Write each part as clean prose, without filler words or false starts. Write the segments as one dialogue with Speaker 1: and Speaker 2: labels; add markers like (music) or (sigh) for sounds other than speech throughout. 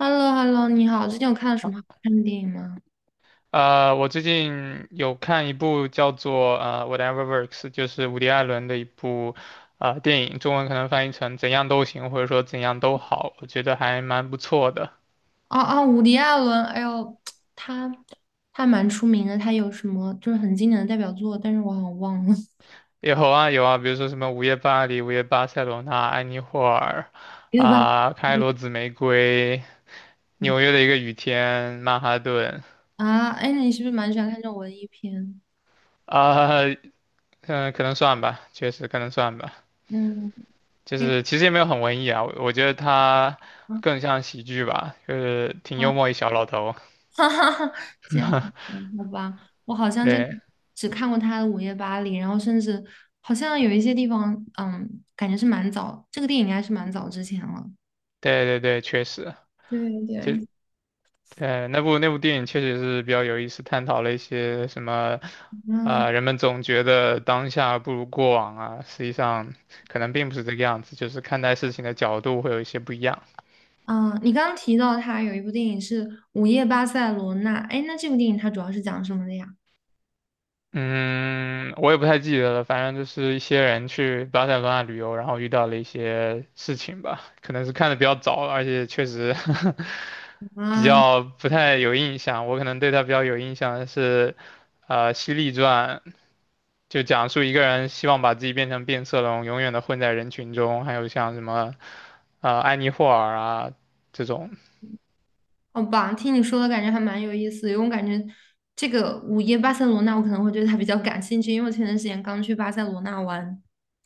Speaker 1: h e l l o h e l l o 你好，最近有看了什么好看的电影吗？
Speaker 2: 我最近有看一部叫做《Whatever Works》，就是伍迪·艾伦的一部电影，中文可能翻译成“怎样都行”或者说“怎样都好”，我觉得还蛮不错的。
Speaker 1: 哦哦，伍迪·艾伦，哎呦，他他蛮出名的，他有什么就是很经典的代表作，但是我好像忘了，
Speaker 2: 有啊有啊，比如说什么《午夜巴黎》《午夜巴塞罗那》《安妮霍尔》
Speaker 1: (laughs) 对吧？
Speaker 2: 啊、开罗紫玫瑰》
Speaker 1: 嗯
Speaker 2: 《纽约的一个雨天》《曼哈顿》
Speaker 1: 啊，哎，你是不是蛮喜欢看这种文艺片？
Speaker 2: 啊，嗯、可能算吧，确实可能算吧。
Speaker 1: 嗯，
Speaker 2: 就
Speaker 1: 对，
Speaker 2: 是其实也没有很文艺啊，我觉得他
Speaker 1: 嗯
Speaker 2: 更像喜剧吧，就是挺
Speaker 1: 嗯，
Speaker 2: 幽
Speaker 1: (laughs)
Speaker 2: 默一小老头。
Speaker 1: 哈哈哈，这样子，好吧，我好
Speaker 2: (laughs)
Speaker 1: 像就
Speaker 2: 对
Speaker 1: 只看过他的《午夜巴黎》，然后甚至好像有一些地方，感觉是蛮早，这个电影应该是蛮早之前了。
Speaker 2: 对对对，确实，
Speaker 1: 对
Speaker 2: 就
Speaker 1: 对，
Speaker 2: 那部电影确实是比较有意思，探讨了一些什么，
Speaker 1: 嗯
Speaker 2: 人们总觉得当下不如过往啊，实际上可能并不是这个样子，就是看待事情的角度会有一些不一样。
Speaker 1: 嗯，你刚刚提到他有一部电影是《午夜巴塞罗那》，哎，那这部电影它主要是讲什么的呀？
Speaker 2: 嗯，我也不太记得了，反正就是一些人去巴塞罗那旅游，然后遇到了一些事情吧，可能是看的比较早，而且确实 (laughs) 比
Speaker 1: 啊，
Speaker 2: 较不太有印象。我可能对他比较有印象的是，《犀利传》就讲述一个人希望把自己变成变色龙，永远的混在人群中，还有像什么安妮霍尔啊这种
Speaker 1: 好吧，听你说的感觉还蛮有意思的，因为我感觉这个《午夜巴塞罗那》我可能会对它比较感兴趣，因为我前段时间刚去巴塞罗那玩，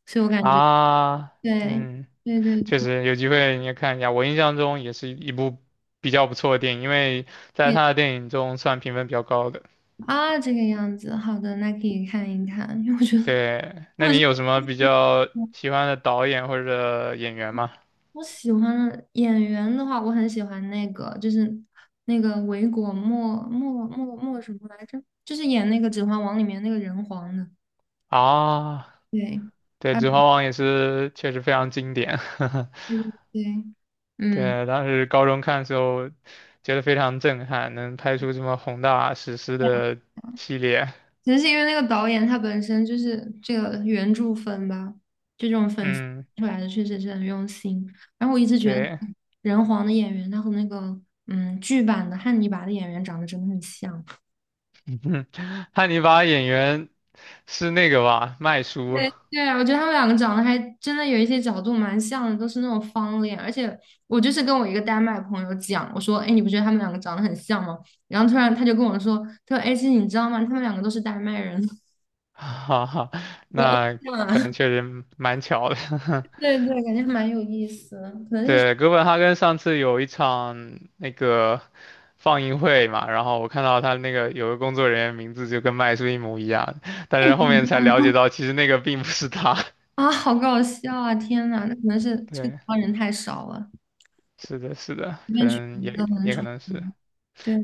Speaker 1: 所以我感觉
Speaker 2: 啊，
Speaker 1: 对
Speaker 2: 嗯。
Speaker 1: 对对
Speaker 2: 确实有机会你也看一下。我印象中也是一部比较不错的电影，因为在
Speaker 1: 对
Speaker 2: 他的电影中算评分比较高的。
Speaker 1: 啊，这个样子，好的，那可以看一看，因为我觉得
Speaker 2: 对，那
Speaker 1: 我
Speaker 2: 你
Speaker 1: 是。
Speaker 2: 有什么比较喜欢的导演或者演员吗？
Speaker 1: 我喜欢的演员的话，我很喜欢那个，就是那个维果莫莫莫莫什么来着？就是演那个《指环王》里面那个人皇的。
Speaker 2: 啊，
Speaker 1: 对，
Speaker 2: 对，
Speaker 1: 啊，
Speaker 2: 《指环王》也是确实非常经典。(laughs)
Speaker 1: 对对对，嗯，
Speaker 2: 对，当时高中看的时候，觉得非常震撼，能拍出这么宏大史诗
Speaker 1: 对啊，
Speaker 2: 的系列。
Speaker 1: 其实是因为那个导演他本身就是这个原著粉吧，就这种粉丝
Speaker 2: 嗯，
Speaker 1: 出来的确实是很用心。然后我一直觉得
Speaker 2: 对，
Speaker 1: 人皇的演员他和那个剧版的汉尼拔的演员长得真的很像。
Speaker 2: (laughs) 汉尼拔演员是那个吧，麦叔。
Speaker 1: 对啊，我觉得他们两个长得还真的有一些角度蛮像的，都是那种方脸。而且我就是跟我一个丹麦朋友讲，我说："哎，你不觉得他们两个长得很像吗？"然后突然他就跟我说："他说，哎，其实你知道吗？他们两个都是丹麦人。"
Speaker 2: (laughs) 哈哈，
Speaker 1: 有偶
Speaker 2: 那
Speaker 1: 像
Speaker 2: 可
Speaker 1: 啊，
Speaker 2: 能确实蛮巧的。(laughs)
Speaker 1: (laughs) 对对，感觉还蛮有意思的，可能是性
Speaker 2: 对，哥本哈根上次有一场那个放映会嘛，然后我看到他那个有个工作人员名字就跟麦斯一模一样，但
Speaker 1: 格
Speaker 2: 是
Speaker 1: 不
Speaker 2: 后
Speaker 1: 一
Speaker 2: 面才
Speaker 1: 样
Speaker 2: 了
Speaker 1: 吧。
Speaker 2: 解到其实那个并不是他。
Speaker 1: 啊，好搞笑啊！天呐，那可能是
Speaker 2: (laughs)
Speaker 1: 这个地
Speaker 2: 对，
Speaker 1: 方人太少了，
Speaker 2: 是的，是的，
Speaker 1: 随
Speaker 2: 可
Speaker 1: 便取
Speaker 2: 能
Speaker 1: 名字
Speaker 2: 也
Speaker 1: 都很
Speaker 2: 也
Speaker 1: 丑。
Speaker 2: 可能是，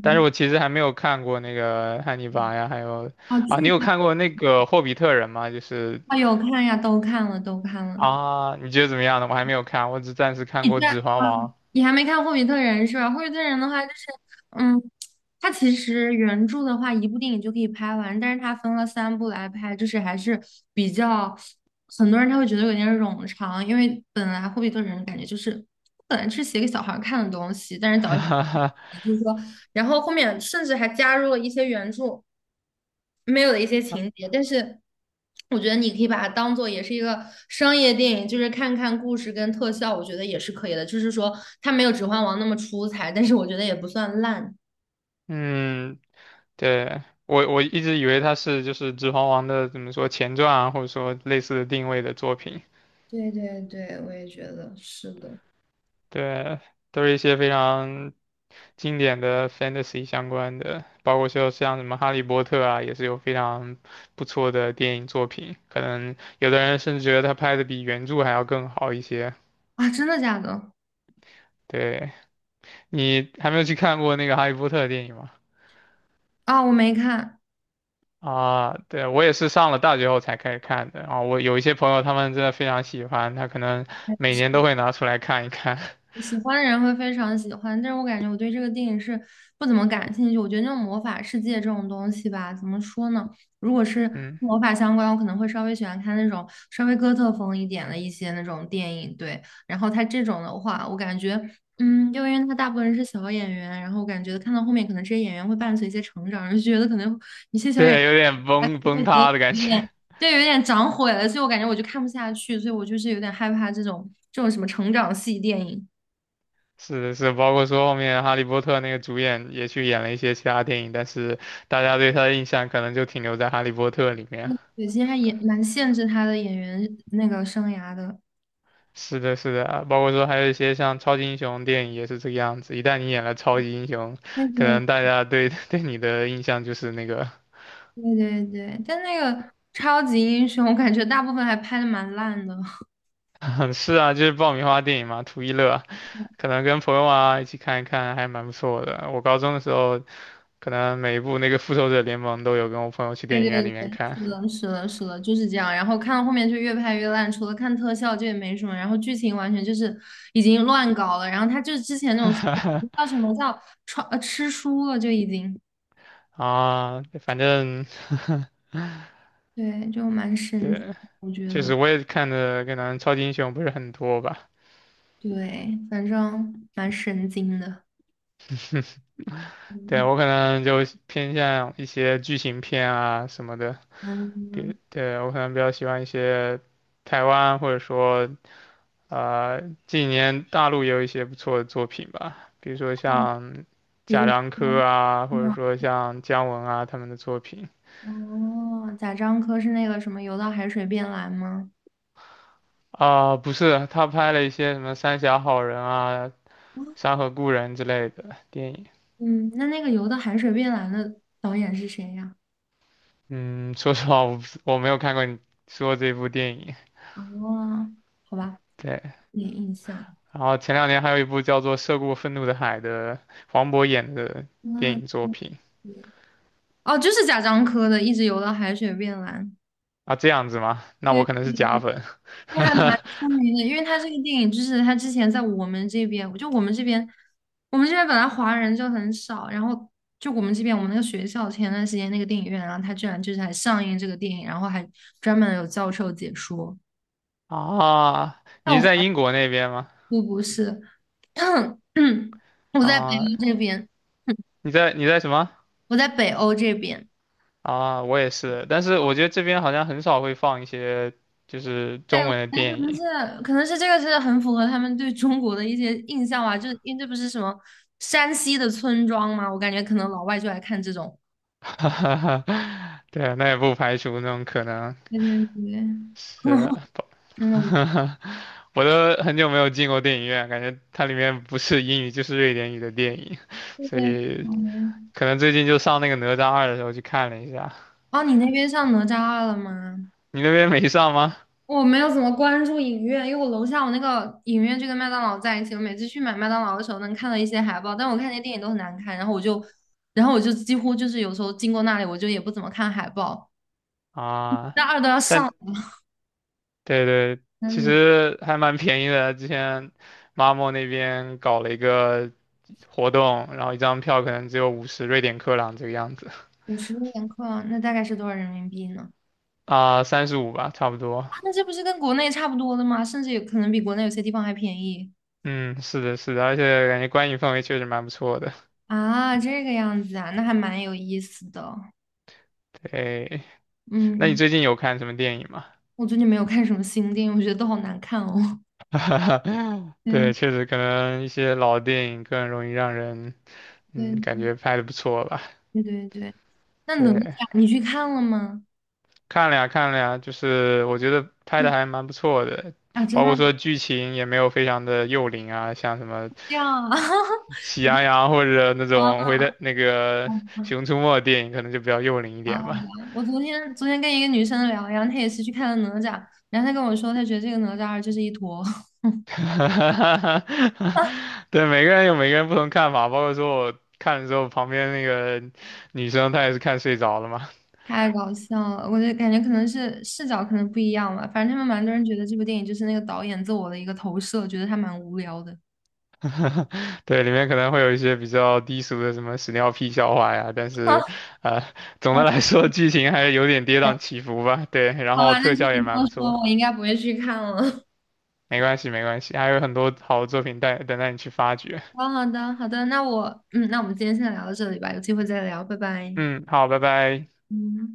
Speaker 2: 但是我其实还没有看过那个《汉尼拔》呀，还有
Speaker 1: 哦，
Speaker 2: 啊，你
Speaker 1: 剧
Speaker 2: 有看
Speaker 1: 啊，
Speaker 2: 过那个《霍比特人》吗？就是
Speaker 1: 哦有看呀，都看了，都看了。
Speaker 2: 啊，你觉得怎么样呢？我还没有看，我只暂时看
Speaker 1: 你
Speaker 2: 过
Speaker 1: 在啊，
Speaker 2: 《指环王》
Speaker 1: 你还没看《霍比特人》是吧？《霍比特人》的话，就是嗯，它其实原著的话，一部电影就可以拍完，但是它分了三部来拍，就是还是比较，很多人他会觉得有点冗长，因为本来《霍比特人》感觉就是本来是写给小孩儿看的东西，但是导演。就是说然后后面甚至还加入了一些原著没有的一些
Speaker 2: (laughs)
Speaker 1: 情节，但是我觉得你可以把它当做也是一个商业电影，就是看看故事跟特效，我觉得也是可以的。就是说它没有《指环王》那么出彩，但是我觉得也不算烂。
Speaker 2: 嗯，对，我一直以为它是就是《指环王》的怎么说前传啊，或者说类似的定位的作品，
Speaker 1: 对对对，我也觉得是的。
Speaker 2: 对，都是一些非常经典的 fantasy 相关的，包括说像什么《哈利波特》啊，也是有非常不错的电影作品，可能有的人甚至觉得他拍的比原著还要更好一些。
Speaker 1: 啊，真的假的？
Speaker 2: 对，你还没有去看过那个《哈利波特》的电影吗？
Speaker 1: 啊，我没看。
Speaker 2: 啊，对，我也是上了大学后才开始看的。啊。我有一些朋友，他们真的非常喜欢，他可能每年都会拿出来看一看。(laughs)
Speaker 1: 喜欢的人会非常喜欢，但是我感觉我对这个电影是不怎么感兴趣。我觉得那种魔法世界这种东西吧，怎么说呢？如果是跟
Speaker 2: 嗯，
Speaker 1: 魔法相关，我可能会稍微喜欢看那种稍微哥特风一点的一些那种电影。对，然后它这种的话，我感觉，就因为它大部分人是小演员，然后我感觉看到后面可能这些演员会伴随一些成长，就觉得可能一些小演员
Speaker 2: 对，有点
Speaker 1: 还是
Speaker 2: 崩
Speaker 1: 会
Speaker 2: 崩
Speaker 1: 觉得
Speaker 2: 塌的感
Speaker 1: 有
Speaker 2: 觉。
Speaker 1: 点。
Speaker 2: (laughs)
Speaker 1: 对，有点长毁了，所以我感觉我就看不下去，所以我就是有点害怕这种什么成长系电影。
Speaker 2: 是的是，包括说后面《哈利波特》那个主演也去演了一些其他电影，但是大家对他的印象可能就停留在《哈利波特》里面。
Speaker 1: 对，其实还也蛮限制他的演员那个生涯的。
Speaker 2: 是的，是的，啊包括说还有一些像超级英雄电影也是这个样子。一旦你演了超级英雄，
Speaker 1: 对
Speaker 2: 可
Speaker 1: 对
Speaker 2: 能大家对 (laughs) 对你的印象就是那个，
Speaker 1: 对对对，但那个超级英雄，我感觉大部分还拍的蛮烂的。
Speaker 2: (laughs) 是啊，就是爆米花电影嘛，图一乐。可能跟朋友啊一起看一看，还蛮不错的。我高中的时候，可能每一部那个《复仇者联盟》都有跟我朋友去
Speaker 1: 对
Speaker 2: 电影院里
Speaker 1: 对对，
Speaker 2: 面看
Speaker 1: 是的，是的，是的，就是这样。然后看到后面就越拍越烂，除了看特效，就也没什么。然后剧情完全就是已经乱搞了。然后他就是之前那种叫什么叫穿吃书了，就已经
Speaker 2: (laughs) 啊，反正 (laughs)
Speaker 1: 对，就蛮神经，
Speaker 2: 对，
Speaker 1: 我觉
Speaker 2: 确
Speaker 1: 得
Speaker 2: 实我也看的可能超级英雄不是很多吧，
Speaker 1: 对，反正蛮神经的。
Speaker 2: 对我可能就偏向一些剧情片啊什么的，比
Speaker 1: 嗯，
Speaker 2: 对我可能比较喜欢一些台湾或者说呃，近年大陆也有一些不错的作品吧，比如说
Speaker 1: 哦，
Speaker 2: 像
Speaker 1: 比
Speaker 2: 贾
Speaker 1: 如
Speaker 2: 樟柯
Speaker 1: 说。
Speaker 2: 啊，或者说像姜文啊他们的作品
Speaker 1: 哦，贾樟柯是那个什么《游到海水变蓝》吗？
Speaker 2: 啊，不是，他拍了一些什么《三峡好人》啊、《山河故人》之类的电影。
Speaker 1: 嗯，那那个《游到海水变蓝》的导演是谁呀？
Speaker 2: 嗯，说实话，我没有看过你说这部电影。
Speaker 1: 哦，好吧，
Speaker 2: 对，
Speaker 1: 没印象。
Speaker 2: 然后前两年还有一部叫做《涉过愤怒的海》的黄渤演的电
Speaker 1: 那
Speaker 2: 影作品
Speaker 1: 哦，就是贾樟柯的《一直游到海水变蓝》。
Speaker 2: 啊，这样子吗？那我
Speaker 1: 对，
Speaker 2: 可能是假粉。(laughs)
Speaker 1: 因为还蛮出名的，因为他这个电影就是他之前在我们这边，就我们这边，我们这边本来华人就很少，然后就我们这边我们那个学校前段时间那个电影院啊，然后他居然就是还上映这个电影，然后还专门有教授解说。
Speaker 2: 啊，
Speaker 1: 但
Speaker 2: 你
Speaker 1: 我。
Speaker 2: 在英国那边吗？
Speaker 1: 我不是，但 (clears throat) 我在北
Speaker 2: 啊，
Speaker 1: 欧这边，
Speaker 2: 你在什么？
Speaker 1: 我在北欧这边。
Speaker 2: 啊，我也是，但是我觉得这边好像很少会放一些就是
Speaker 1: 对，
Speaker 2: 中
Speaker 1: 我觉
Speaker 2: 文的
Speaker 1: 得可
Speaker 2: 电
Speaker 1: 能
Speaker 2: 影，
Speaker 1: 是可能是这个是很符合他们对中国的一些印象吧，就是因为这不是什么山西的村庄嘛，我感觉可能老外就爱看这种。
Speaker 2: (laughs) 对，那也不排除那种可能
Speaker 1: 对对对，
Speaker 2: 是，
Speaker 1: (laughs) 真的，
Speaker 2: (laughs) 我都很久没有进过电影院，感觉它里面不是英语就是瑞典语的电影，
Speaker 1: 对
Speaker 2: 所
Speaker 1: 对，
Speaker 2: 以
Speaker 1: 嗯，
Speaker 2: 可能最近就上那个《哪吒二》的时候去看了一下，
Speaker 1: 哦，你那边上哪吒二了吗？
Speaker 2: 你那边没上吗？
Speaker 1: 我没有怎么关注影院，因为我楼下我那个影院就跟麦当劳在一起，我每次去买麦当劳的时候能看到一些海报，但我看那些电影都很难看，然后我就几乎就是有时候经过那里，我就也不怎么看海报。
Speaker 2: 啊，
Speaker 1: 那二都要
Speaker 2: 但
Speaker 1: 上，
Speaker 2: 对对，其
Speaker 1: 嗯，
Speaker 2: 实还蛮便宜的。之前 Mamo 那边搞了一个活动，然后一张票可能只有50瑞典克朗这个样子
Speaker 1: 50年课，那大概是多少人民币呢？
Speaker 2: 啊，35吧，差不多。
Speaker 1: 啊，那这不是跟国内差不多的吗？甚至有可能比国内有些地方还便宜。
Speaker 2: 嗯，是的，是的，而且感觉观影氛围确实蛮不错的。
Speaker 1: 啊，这个样子啊，那还蛮有意思的。
Speaker 2: 对，那你
Speaker 1: 嗯，
Speaker 2: 最近有看什么电影吗？
Speaker 1: 我最近没有看什么新电影，我觉得都好难看哦。
Speaker 2: (laughs)
Speaker 1: (laughs) 对
Speaker 2: 对，确实可能一些老电影更容易让人嗯感
Speaker 1: 对
Speaker 2: 觉拍的不错吧。
Speaker 1: 对对对。那哪
Speaker 2: 对，
Speaker 1: 吒你去看了吗？
Speaker 2: 看了呀，看了呀，就是我觉得拍的
Speaker 1: 嗯
Speaker 2: 还蛮不错的，
Speaker 1: 啊，真
Speaker 2: 包
Speaker 1: 的
Speaker 2: 括
Speaker 1: 吗？
Speaker 2: 说剧情也没有非常的幼龄啊，像什么
Speaker 1: 这样啊？(laughs)
Speaker 2: 喜羊羊或者那种
Speaker 1: 啊，
Speaker 2: 回的那个
Speaker 1: 好
Speaker 2: 熊出没的电影，可能就比较幼龄一
Speaker 1: 好
Speaker 2: 点吧。
Speaker 1: 吧。我昨天跟一个女生聊，然后她也是去看了哪吒，然后她跟我说，她觉得这个哪吒二就是一坨，
Speaker 2: (laughs) 对，每个人有每个人不同看法，包括说我看的时候，旁边那个女生她也是看睡着了嘛。
Speaker 1: (laughs) 太搞笑了。我就感觉可能是视角可能不一样吧，反正他们蛮多人觉得这部电影就是那个导演自我的一个投射，觉得他蛮无聊的。
Speaker 2: 对，里面可能会有一些比较低俗的什么屎尿屁笑话呀，但
Speaker 1: (laughs) 啊
Speaker 2: 是，呃，总的来说剧情还是有点跌宕起伏吧。对，然
Speaker 1: 好
Speaker 2: 后
Speaker 1: 吧，那
Speaker 2: 特
Speaker 1: 听
Speaker 2: 效也
Speaker 1: 你这
Speaker 2: 蛮
Speaker 1: 么
Speaker 2: 不错，
Speaker 1: 说，我应该不会去看了。(laughs)
Speaker 2: 没关系没关系，还有很多好的作品待等待你去发掘。
Speaker 1: 好好的，好的，那我，那我们今天先聊到这里吧，有机会再聊，拜拜。
Speaker 2: 嗯，好，拜拜。
Speaker 1: 嗯。